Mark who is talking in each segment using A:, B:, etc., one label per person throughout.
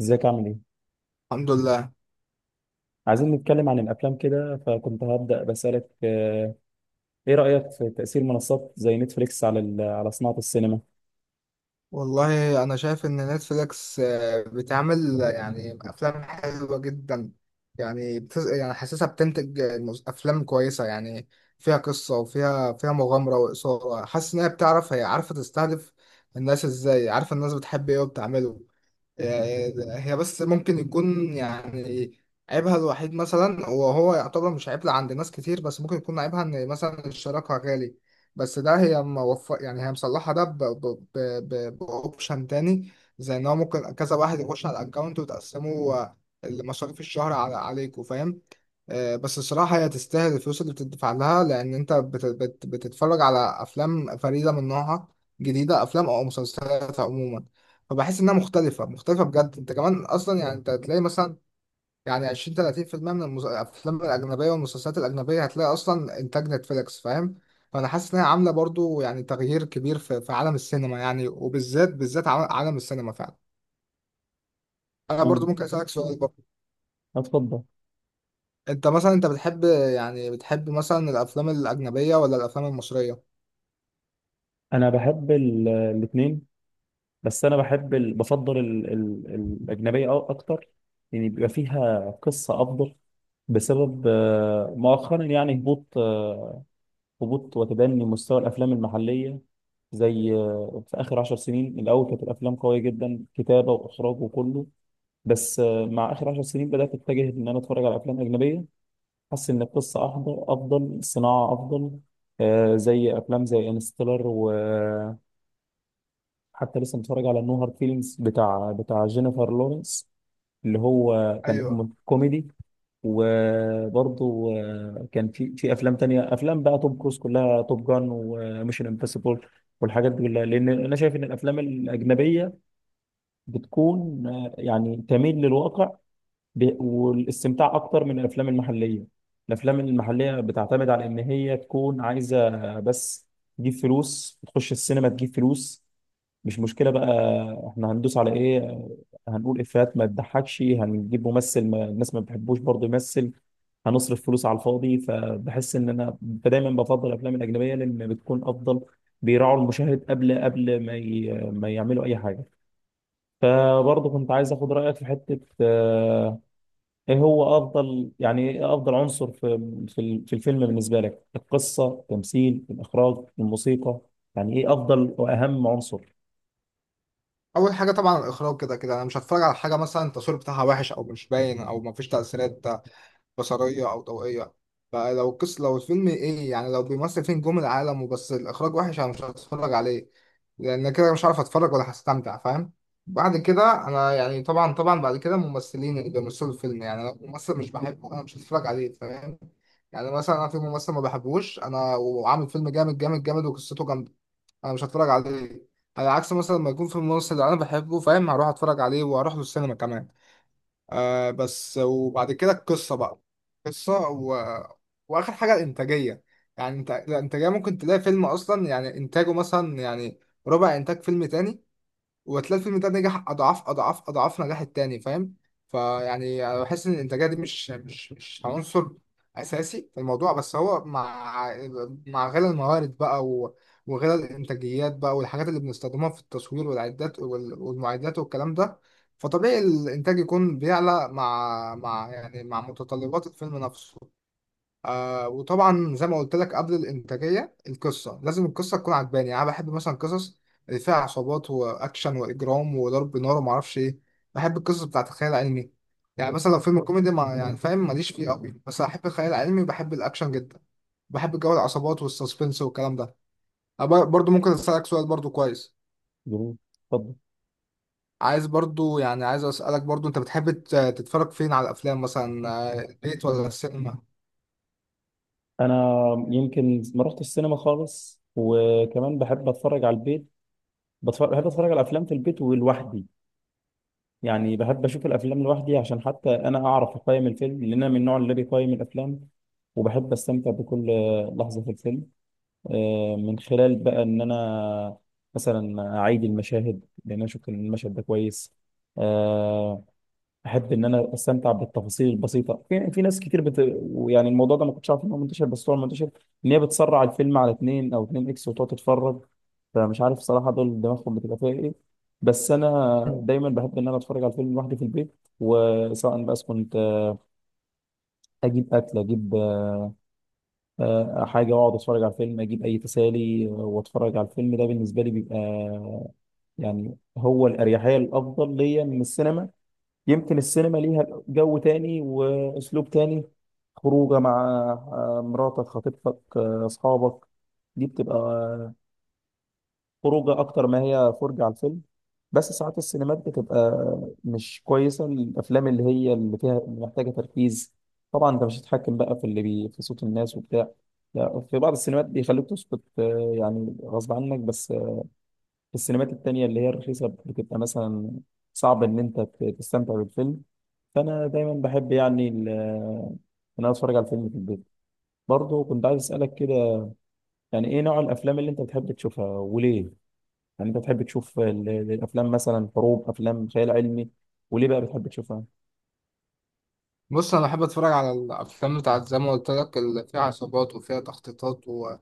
A: ازيك عامل ايه؟
B: الحمد لله.
A: عايزين نتكلم عن الافلام كده فكنت هبدأ بسألك ايه رأيك في تأثير منصات زي نتفليكس على على صناعة السينما؟
B: والله انا شايف ان نتفليكس بتعمل يعني افلام حلوه جدا. يعني حاسسها بتنتج افلام كويسه يعني، فيها قصه وفيها مغامره واثاره. حاسس ان هي عارفه تستهدف الناس ازاي، عارفه الناس بتحب ايه وبتعمله. يعني هي بس ممكن يكون يعني عيبها الوحيد، مثلا وهو يعتبر مش عيب عند ناس كتير، بس ممكن يكون عيبها ان مثلا الشراكة غالي. بس ده هي موفق، يعني هي مصلحة ده بأوبشن تاني، زي ان هو ممكن كذا واحد يخش على الاكونت وتقسموا مصاريف الشهر عليكم، فاهم؟ بس الصراحة هي تستاهل الفلوس اللي بتدفع لها، لأن أنت بتتفرج على أفلام فريدة من نوعها، جديدة، أفلام أو مسلسلات عموما. فبحس انها مختلفه بجد. انت كمان اصلا يعني انت هتلاقي مثلا يعني 20 30% من الافلام الاجنبيه والمسلسلات الاجنبيه هتلاقي اصلا انتاج نتفليكس، فاهم؟ فانا حاسس انها عامله برضو يعني تغيير كبير في, في عالم السينما، يعني وبالذات عالم السينما فعلا. انا برضو
A: تمام.
B: ممكن اسالك سؤال برضو؟
A: اتفضل.
B: انت مثلا انت بتحب يعني بتحب مثلا الافلام الاجنبيه ولا الافلام المصريه؟
A: انا بحب الاثنين، بس انا بحب بفضل ال ال الأجنبية أو اكتر، يعني بيبقى فيها قصة افضل بسبب مؤخرا يعني هبوط، هبوط وتدني مستوى الافلام المحلية. زي في اخر 10 سنين الاول كانت الافلام قوية جدا كتابة واخراج وكله، بس مع اخر 10 سنين بدات اتجه ان انا اتفرج على افلام اجنبيه. حاسس ان القصه افضل، الصناعه افضل. زي افلام زي انستيلر، وحتى لسه متفرج على نو هارد فيلينجز بتاع جينيفر لورنس اللي هو كان
B: ايوه،
A: كوميدي. وبرضه كان في افلام تانية، افلام بقى توم كروز كلها، توب جان وميشن امبوسيبل والحاجات دي كلها، لان انا شايف ان الافلام الاجنبيه بتكون يعني تميل للواقع والاستمتاع اكتر من الافلام المحليه. الافلام المحليه بتعتمد على ان هي تكون عايزه بس تجيب فلوس، تخش السينما تجيب فلوس، مش مشكله بقى. احنا هندوس على ايه؟ هنقول افيهات ما تضحكش، هنجيب ممثل ما الناس ما بتحبوش برضه يمثل، هنصرف فلوس على الفاضي. فبحس ان انا دايما بفضل الافلام الاجنبيه لان بتكون افضل، بيراعوا المشاهد قبل ما يعملوا اي حاجه. فبرضه كنت عايز اخد رايك في حته، ايه هو افضل، يعني ايه افضل عنصر في الفيلم بالنسبه لك؟ القصه، التمثيل، الاخراج، الموسيقى؟ يعني ايه افضل واهم عنصر؟
B: اول حاجه طبعا الاخراج. كده كده انا مش هتفرج على حاجه مثلا التصوير بتاعها وحش او مش باين او مفيش تاثيرات بصريه او ضوئيه. فلو القصه، لو الفيلم ايه يعني لو بيمثل فين نجوم العالم وبس الاخراج وحش، انا مش هتفرج عليه، لان كده مش عارف اتفرج ولا هستمتع، فاهم؟ بعد كده انا يعني طبعا بعد كده الممثلين اللي بيمثلوا الفيلم، يعني انا ممثل مش بحبه انا مش هتفرج عليه، فاهم؟ يعني مثلا انا في ممثل ما بحبوش انا، وعامل فيلم جامد وقصته جامده، انا مش هتفرج عليه. على عكس مثلا لما يكون في ممثل انا بحبه، فاهم، هروح اتفرج عليه واروح له السينما كمان. آه بس، وبعد كده القصة بقى، قصة و... وآخر حاجة الإنتاجية. يعني انت الإنتاجية ممكن تلاقي فيلم أصلا يعني إنتاجه مثلا يعني ربع إنتاج فيلم تاني، وهتلاقي الفيلم ده نجح اضعاف نجاح التاني، فاهم؟ فيعني انا بحس ان الانتاجيه دي مش عنصر اساسي في الموضوع، بس هو مع مع غلا الموارد بقى وغلا الانتاجيات بقى والحاجات اللي بنستخدمها في التصوير والمعدات والكلام ده، فطبيعي الانتاج يكون بيعلى مع مع متطلبات الفيلم نفسه. آه وطبعا زي ما قلت لك قبل الانتاجيه القصه، لازم القصه تكون عجباني. يعني انا بحب مثلا قصص اللي فيها عصابات واكشن واجرام وضرب نار وما اعرفش ايه. بحب القصص بتاعت الخيال العلمي. يعني مثلا لو فيلم كوميدي ما، يعني فاهم ماليش فيه قوي، بس احب الخيال العلمي وبحب الاكشن جدا. بحب جو العصابات والسسبنس والكلام ده. أنا برضو ممكن اسالك سؤال برضو؟ كويس.
A: جروب. اتفضل.
B: عايز برضو يعني عايز اسالك برضو، انت بتحب تتفرج فين على الافلام، مثلا البيت ولا السينما؟
A: انا يمكن ما رحت السينما خالص، وكمان بحب اتفرج على البيت. بحب اتفرج على افلام في البيت ولوحدي. يعني بحب اشوف الافلام لوحدي عشان حتى انا اعرف اقيم الفيلم، لان انا من النوع اللي بيقيم الافلام وبحب استمتع بكل لحظه في الفيلم من خلال بقى ان انا مثلا اعيد المشاهد لان انا شفت ان المشهد ده كويس. آه، احب ان انا استمتع بالتفاصيل البسيطه في ناس كتير يعني الموضوع ده ما كنتش عارف ان هو منتشر، بس هو منتشر، ان هي بتسرع الفيلم على 2 او 2 اكس وتقعد تتفرج. فمش عارف صراحه دول دماغهم بتبقى فيها ايه. بس انا دايما بحب ان انا اتفرج على الفيلم لوحدي في البيت، وسواء بس كنت اجيب اكل، اجيب حاجه واقعد اتفرج على الفيلم، اجيب اي تسالي واتفرج على الفيلم. ده بالنسبه لي بيبقى يعني هو الاريحيه الافضل ليا من السينما. يمكن السينما ليها جو تاني واسلوب تاني، خروجه مع مراتك، خطيبتك، اصحابك. دي بتبقى خروجه اكتر ما هي فرجه على الفيلم. بس ساعات السينمات بتبقى مش كويسه، الافلام اللي هي اللي فيها اللي محتاجه تركيز طبعا انت مش هتتحكم بقى في اللي بي في صوت الناس وبتاع. لا، في بعض السينمات بيخلوك تسكت، يعني غصب عنك، بس في السينمات التانية اللي هي الرخيصة بتبقى مثلا صعب إن أنت تستمتع بالفيلم. فأنا دايما بحب يعني إن أنا أتفرج على الفيلم في البيت. برضه كنت عايز أسألك كده، يعني إيه نوع الأفلام اللي أنت بتحب تشوفها وليه؟ يعني انت بتحب تشوف الافلام مثلا حروب، افلام خيال علمي، وليه بقى بتحب تشوفها؟
B: بص، انا بحب اتفرج على الافلام بتاعت زي ما قلت لك اللي فيها عصابات وفيها تخطيطات و... و...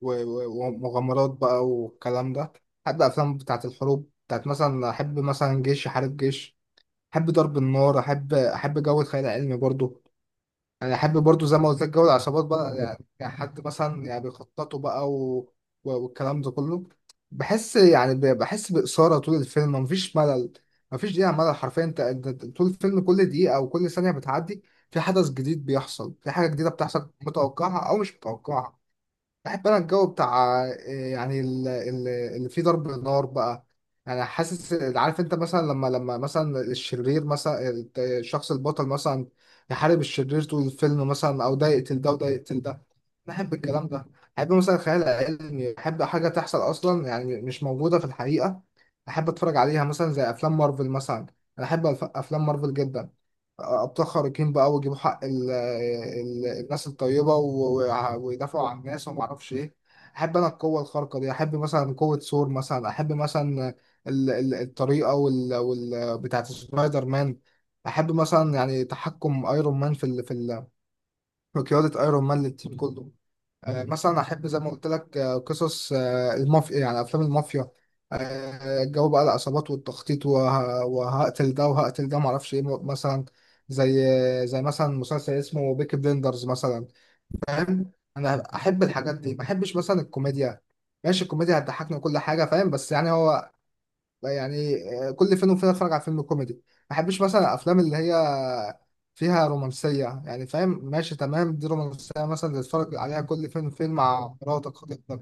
B: و- ومغامرات بقى والكلام ده. بحب افلام بتاعت الحروب بتاعت مثلا، احب مثلا جيش يحارب جيش، احب ضرب النار، احب جو الخيال العلمي برضو. انا احب برضو زي ما قلت لك جو العصابات بقى، يعني يعني حد مثلا يعني بيخططوا بقى والكلام ده كله. بحس يعني بحس بإثارة طول الفيلم، مفيش ملل، مفيش دقيقة ملل حرفيا. أنت طول الفيلم كل دقيقة او كل ثانية بتعدي في حدث جديد بيحصل، في حاجة جديدة بتحصل، متوقعة او مش متوقعة. بحب انا الجو بتاع إيه، يعني اللي فيه ضرب نار بقى. يعني حاسس عارف، انت مثلا لما مثلا الشرير مثلا الشخص البطل مثلا يحارب الشرير طول الفيلم مثلا، او ده يقتل ده وده يقتل ده، بحب الكلام ده. بحب مثلا الخيال العلمي، بحب حاجة تحصل أصلا يعني مش موجودة في الحقيقة، أحب أتفرج عليها، مثلا زي أفلام مارفل مثلا. أنا أحب أفلام مارفل جدا. أبطال خارقين بقى ويجيبوا حق ال الناس الطيبة ويدافعوا عن الناس ومعرفش إيه. أحب أنا القوة الخارقة دي، أحب مثلا قوة ثور مثلا، أحب مثلا الطريقة وال بتاعت سبايدر مان. أحب مثلا يعني تحكم أيرون مان في قيادة أيرون مان للتيم كله. مثلا احب زي ما قلت لك قصص المافيا، يعني افلام المافيا. جو بقى العصابات والتخطيط وهقتل ده وهقتل ده معرفش ايه، مثلا زي زي مثلا مسلسل اسمه بيكي بليندرز مثلا، فاهم. انا احب الحاجات دي، ما احبش مثلا الكوميديا. ماشي الكوميديا هتضحكني وكل حاجه فاهم، بس يعني هو لا يعني، كل فين وفين اتفرج على فيلم كوميدي ما. بحبش مثلا الافلام اللي هي فيها رومانسيه، يعني فاهم ماشي تمام، دي رومانسيه مثلا تتفرج عليها كل فين وفين مع مراتك خطيبتك.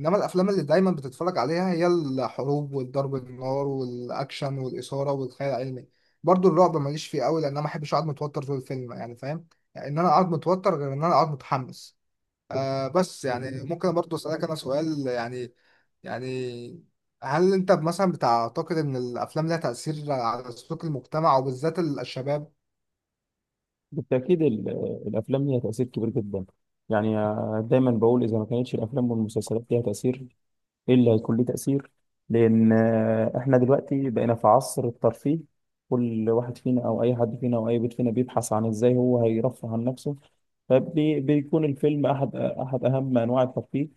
B: انما الافلام اللي دايما بتتفرج عليها هي الحروب والضرب النار والاكشن والاثاره والخيال العلمي. برضو الرعب ماليش فيه قوي، لان انا ما بحبش اقعد متوتر طول الفيلم، يعني فاهم، يعني ان انا اقعد متوتر غير ان انا اقعد متحمس. آه بس يعني ممكن برضو اسالك انا سؤال يعني، يعني هل انت مثلا بتعتقد ان الافلام لها تاثير على سلوك المجتمع وبالذات الشباب؟
A: بالتاكيد الافلام ليها تاثير كبير جدا. يعني دايما بقول اذا ما كانتش الافلام والمسلسلات ليها تاثير، ايه اللي هيكون ليه تاثير؟ لان احنا دلوقتي بقينا في عصر الترفيه، كل واحد فينا او اي حد فينا او اي بيت فينا بيبحث عن ازاي هو هيرفه عن نفسه، فبيكون الفيلم احد اهم انواع الترفيه.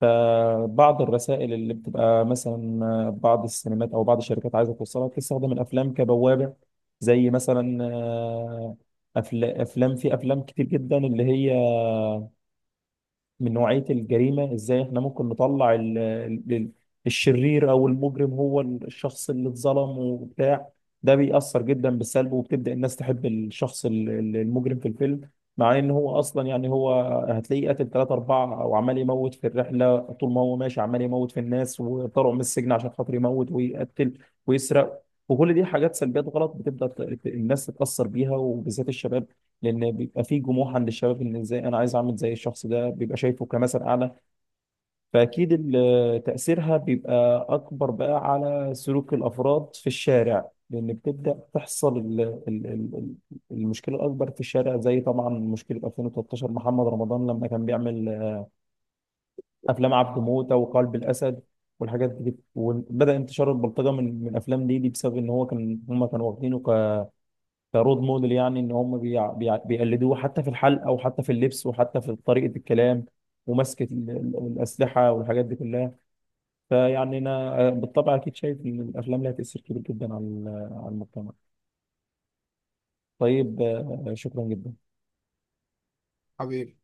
A: فبعض الرسائل اللي بتبقى مثلا بعض السينمات او بعض الشركات عايزه توصلها بتستخدم الافلام كبوابه، زي مثلا افلام، في افلام كتير جدا اللي هي من نوعية الجريمة، ازاي احنا ممكن نطلع ال- الشرير او المجرم هو الشخص اللي اتظلم وبتاع. ده بيأثر جدا بالسلب، وبتبدأ الناس تحب الشخص المجرم في الفيلم، مع ان هو اصلا يعني هو هتلاقيه قتل 3 4، او عمال يموت في الرحلة، طول ما هو ماشي عمال يموت في الناس وطلعوا من السجن عشان خاطر يموت ويقتل ويسرق. وكل دي حاجات سلبيات غلط بتبدأ الناس تتأثر بيها وبالذات الشباب، لان بيبقى في جموح عند الشباب ان ازاي انا عايز اعمل زي الشخص ده، بيبقى شايفه كمثل اعلى. فاكيد تاثيرها بيبقى اكبر بقى على سلوك الافراد في الشارع، لان بتبدا تحصل ال- ال- المشكله الاكبر في الشارع، زي طبعا مشكله 2013 محمد رمضان لما كان بيعمل افلام عبده موته وقلب الاسد والحاجات دي. وبدا انتشار البلطجه من الافلام دي بسبب ان هو كان، هم كانوا واخدينه كرول موديل، يعني ان هم بيقلدوه حتى في الحلقه وحتى في اللبس وحتى في طريقه الكلام ومسكه الاسلحه والحاجات دي كلها. فيعني انا بالطبع اكيد شايف ان الافلام لها تاثير كبير جدا على على المجتمع. طيب شكرا جدا.
B: حبيبي.